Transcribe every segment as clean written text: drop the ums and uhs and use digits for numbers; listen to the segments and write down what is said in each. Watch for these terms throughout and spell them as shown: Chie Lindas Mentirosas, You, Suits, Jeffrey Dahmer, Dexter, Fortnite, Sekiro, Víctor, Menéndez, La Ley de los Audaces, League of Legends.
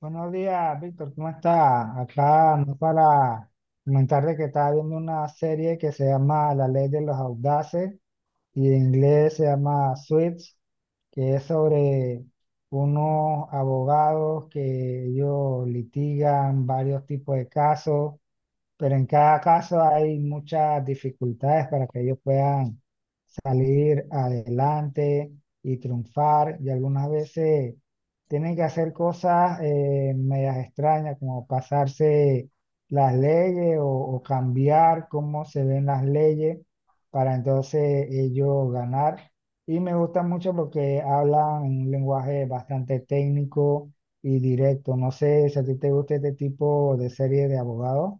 Buenos días, Víctor, ¿cómo está? Acá no para comentar de que estaba viendo una serie que se llama La Ley de los Audaces y en inglés se llama Suits, que es sobre unos abogados que ellos litigan varios tipos de casos, pero en cada caso hay muchas dificultades para que ellos puedan salir adelante y triunfar. Y algunas veces tienen que hacer cosas medias extrañas, como pasarse las leyes o cambiar cómo se ven las leyes para entonces ellos ganar. Y me gusta mucho porque hablan en un lenguaje bastante técnico y directo. No sé si a ti te gusta este tipo de serie de abogados.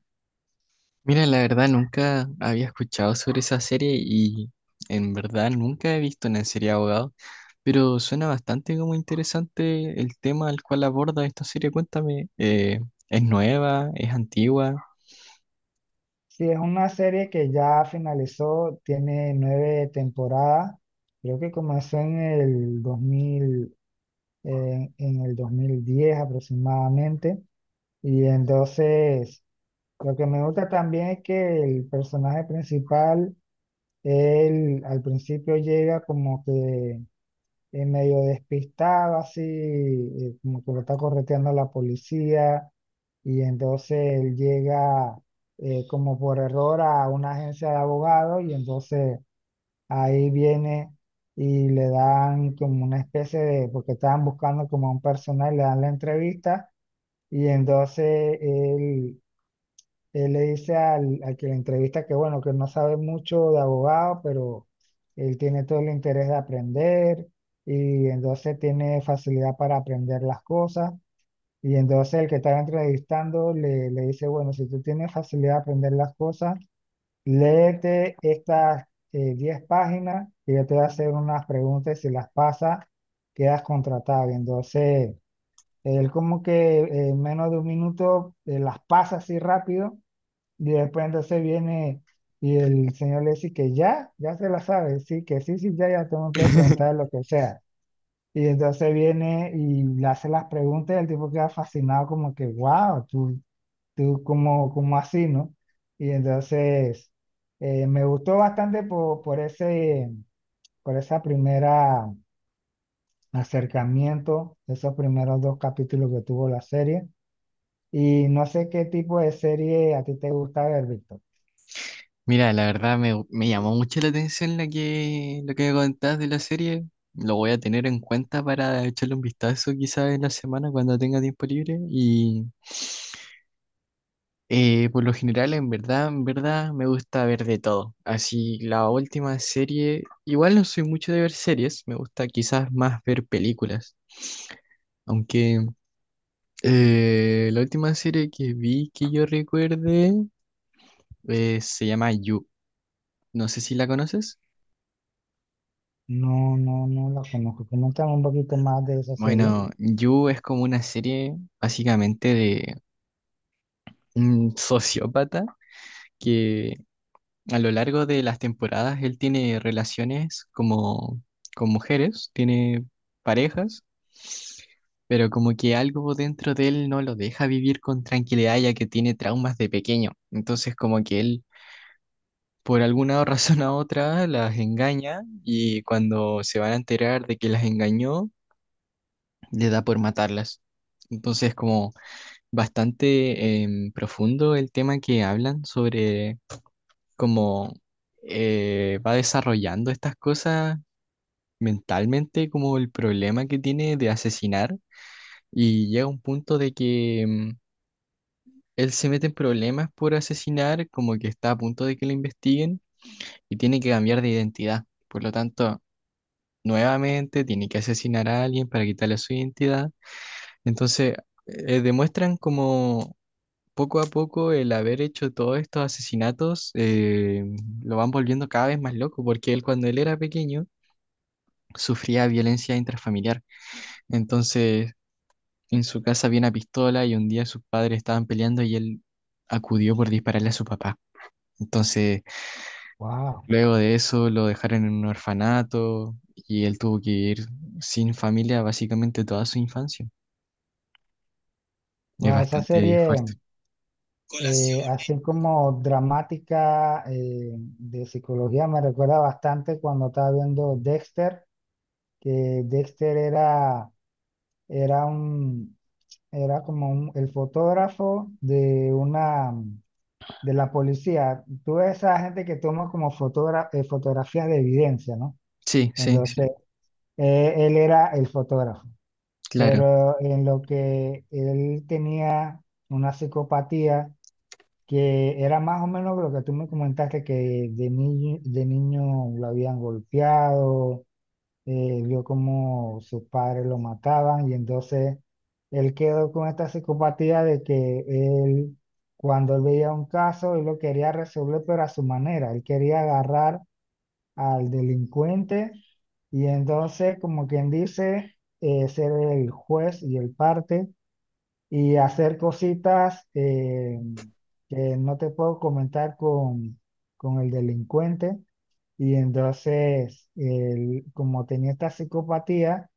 Mira, la verdad nunca había escuchado sobre esa serie y en verdad nunca he visto una serie de abogados, pero suena bastante como interesante el tema al cual aborda esta serie. Cuéntame, ¿es nueva? ¿Es antigua? Sí, es una serie que ya finalizó, tiene 9 temporadas. Creo que comenzó en el 2000, en el 2010 aproximadamente. Y entonces, lo que me gusta también es que el personaje principal, él al principio llega como que medio despistado, así, como que lo está correteando la policía, y entonces él llega como por error a una agencia de abogados, y entonces ahí viene y le dan como una especie de, porque estaban buscando como a un personal, le dan la entrevista, y entonces él le dice al que le entrevista que bueno, que no sabe mucho de abogado, pero él tiene todo el interés de aprender y entonces tiene facilidad para aprender las cosas. Y entonces el que está entrevistando le dice, bueno, si tú tienes facilidad de aprender las cosas, léete estas 10 páginas y yo te voy a hacer unas preguntas, y si las pasas, quedas contratado. Y entonces él como que en menos de un minuto las pasa así rápido, y después entonces viene y el señor le dice que ya, ya se la sabe, sí, que sí, sí, ya, ya, tú me puedes preguntar lo que sea. Y entonces viene y le hace las preguntas y el tipo queda fascinado como que, wow, tú, como, como así, ¿no? Y entonces me gustó bastante por por esa primera acercamiento, esos primeros dos capítulos que tuvo la serie. Y no sé qué tipo de serie a ti te gusta ver, Víctor. Mira, la verdad me llamó mucho la atención la que, lo que me contás de la serie. Lo voy a tener en cuenta para echarle un vistazo quizás en la semana cuando tenga tiempo libre y... Por lo general, en verdad, me gusta ver de todo. Así, la última serie, igual no soy mucho de ver series, me gusta quizás más ver películas. Aunque la última serie que vi que yo recuerde se llama You. No sé si la conoces. No, no, no la conozco. Coméntame un poquito más de esa serie. Bueno, Mm. You es como una serie básicamente de un sociópata que a lo largo de las temporadas él tiene relaciones como con mujeres, tiene parejas, pero como que algo dentro de él no lo deja vivir con tranquilidad ya que tiene traumas de pequeño. Entonces como que él por alguna razón u otra las engaña y cuando se van a enterar de que las engañó, le da por matarlas. Entonces como bastante profundo el tema que hablan sobre como va desarrollando estas cosas mentalmente como el problema que tiene de asesinar y llega a un punto de que él se mete en problemas por asesinar, como que está a punto de que lo investiguen y tiene que cambiar de identidad. Por lo tanto, nuevamente tiene que asesinar a alguien para quitarle su identidad. Entonces, demuestran como poco a poco el haber hecho todos estos asesinatos lo van volviendo cada vez más loco, porque él cuando él era pequeño sufría violencia intrafamiliar. Entonces, en su casa había una pistola y un día sus padres estaban peleando y él acudió por dispararle a su papá. Entonces, Wow. luego de eso lo dejaron en un orfanato y él tuvo que ir sin familia básicamente toda su infancia. Es Wow, esa bastante serie, fuerte. Así como dramática, de psicología, me recuerda bastante cuando estaba viendo Dexter, que Dexter era, era un, era como el fotógrafo de una, de la policía. Tú ves esa gente que toma como fotografías de evidencia, ¿no? Sí, sí, sí, Entonces, él era el fotógrafo, claro. pero en lo que él tenía una psicopatía que era más o menos lo que tú me comentaste, que de niño lo habían golpeado, vio como sus padres lo mataban y entonces él quedó con esta psicopatía de que él, cuando él veía un caso, él lo quería resolver pero a su manera, él quería agarrar al delincuente y entonces, como quien dice, ser el juez y el parte y hacer cositas que no te puedo comentar con el delincuente. Y entonces, él, como tenía esta psicopatía,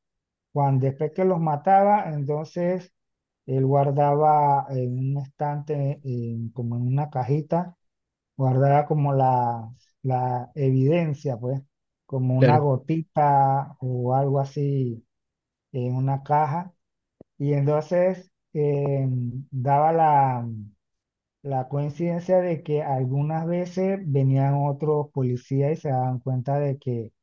cuando después que los mataba, entonces él guardaba en un estante, como en una cajita guardaba como la evidencia, pues, como una Claro, gotita o algo así en una caja. Y entonces daba la coincidencia de que algunas veces venían otros policías y se daban cuenta de que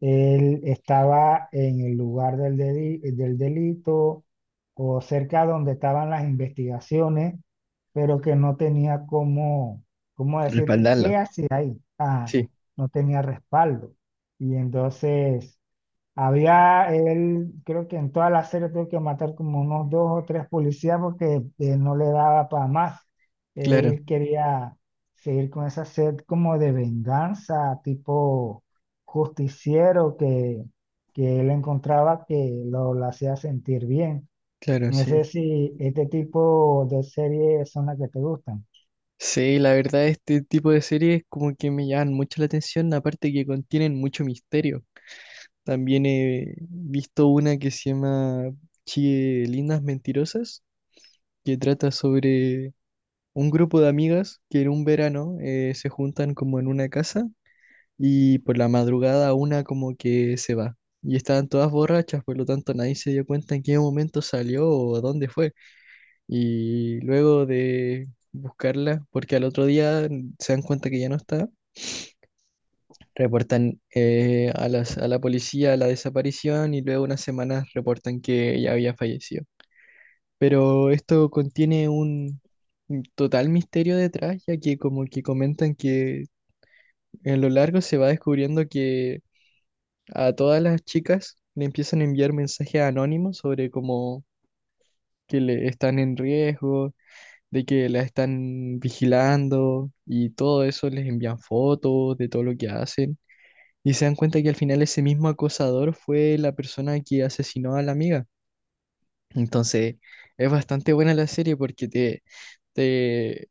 él estaba en el lugar del delito o cerca donde estaban las investigaciones, pero que no tenía cómo decir respaldarlo. qué hacía ahí. Ah, Sí, no tenía respaldo. Y entonces había él, creo que en toda la serie tuvo que matar como unos 2 o 3 policías porque no le daba para más. claro, Él quería seguir con esa sed como de venganza, tipo justiciero que él encontraba que lo hacía sentir bien. claro, No sé sí. si este tipo de series son las que te gustan. Sí, la verdad este tipo de series como que me llaman mucho la atención, aparte que contienen mucho misterio. También he visto una que se llama Chie Lindas Mentirosas, que trata sobre un grupo de amigas que en un verano se juntan como en una casa y por la madrugada una como que se va. Y estaban todas borrachas, por lo tanto nadie se dio cuenta en qué momento salió o a dónde fue. Y luego de buscarla, porque al otro día se dan cuenta que ya no está, reportan a a la policía la desaparición y luego unas semanas reportan que ella había fallecido. Pero esto contiene un total misterio detrás, ya que como que comentan que en lo largo se va descubriendo que a todas las chicas le empiezan a enviar mensajes anónimos sobre cómo que le están en riesgo, de que la están vigilando y todo eso les envían fotos de todo lo que hacen. Y se dan cuenta que al final ese mismo acosador fue la persona que asesinó a la amiga. Entonces, es bastante buena la serie porque te,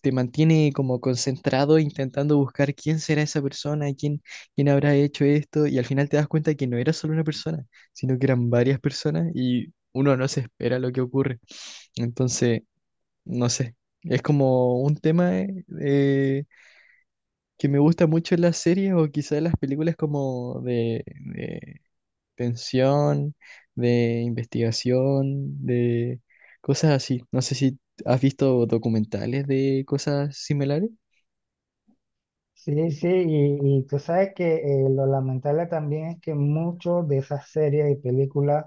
te mantiene como concentrado intentando buscar quién será esa persona, quién habrá hecho esto, y al final te das cuenta que no era solo una persona, sino que eran varias personas y uno no se espera lo que ocurre. Entonces, no sé, es como un tema que me gusta mucho en las series o quizás en las películas como de, pensión, de investigación, de cosas así. No sé si has visto documentales de cosas similares. Sí, sí, y tú sabes que lo lamentable también es que muchos de esas series y películas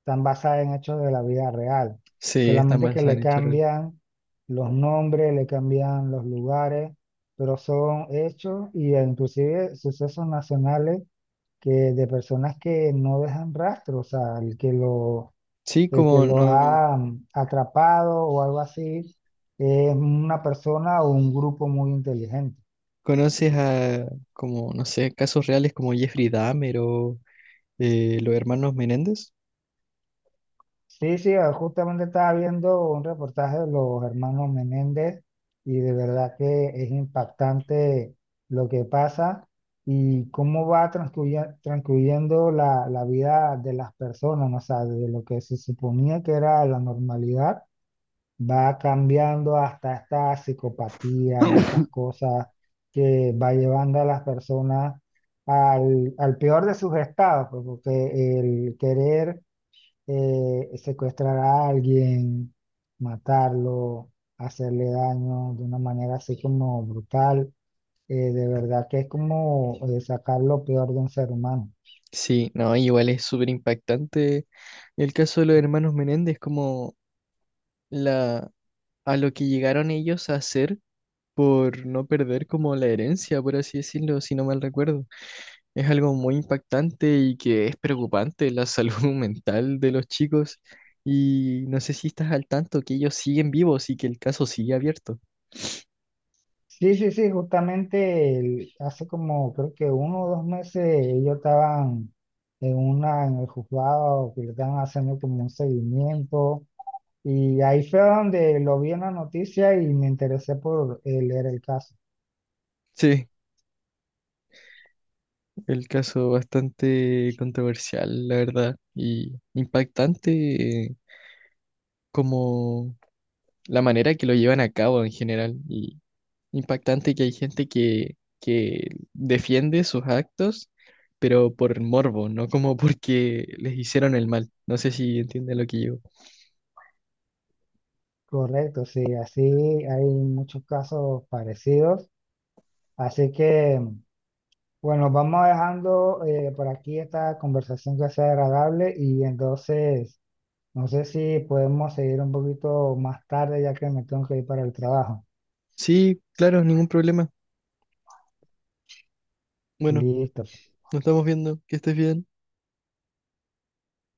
están basadas en hechos de la vida real, Sí, están solamente que basadas le en hechos reales. cambian los nombres, le cambian los lugares, pero son hechos y, inclusive sucesos nacionales, que de personas que no dejan rastro, o sea, el Sí, el que como los no ha atrapado o algo así es una persona o un grupo muy inteligente. conoces a, como, no sé, casos reales como Jeffrey Dahmer o los hermanos Menéndez. Sí, sí, ah, justamente estaba viendo un reportaje de los hermanos Menéndez y de verdad que es impactante lo que pasa y cómo va transcurriendo la vida de las personas, ¿no? O sea, de lo que se suponía que era la normalidad, va cambiando hasta estas psicopatías y estas cosas que va llevando a las personas al peor de sus estados, pues, porque el querer secuestrar a alguien, matarlo, hacerle daño de una manera así como brutal, de verdad que es como sacar lo peor de un ser humano. Sí, no, igual es súper impactante el caso de los hermanos Menéndez, como la, a lo que llegaron ellos a hacer por no perder como la herencia, por así decirlo, si no mal recuerdo. Es algo muy impactante y que es preocupante la salud mental de los chicos. Y no sé si estás al tanto que ellos siguen vivos y que el caso sigue abierto. Sí, sí, sí, justamente hace como creo que 1 o 2 meses ellos estaban en una, en el juzgado, que le estaban haciendo como un seguimiento. Y ahí fue donde lo vi en la noticia y me interesé por leer el caso. Sí, el caso bastante controversial, la verdad, y impactante como la manera que lo llevan a cabo en general. Y impactante que hay gente que defiende sus actos, pero por morbo, no como porque les hicieron el mal. No sé si entiende lo que yo. Correcto, sí, así hay muchos casos parecidos. Así que, bueno, vamos dejando por aquí esta conversación, que sea agradable, y entonces, no sé si podemos seguir un poquito más tarde, ya que me tengo que ir para el trabajo. Sí, claro, ningún problema. Bueno, Listo. nos estamos viendo. Que estés bien.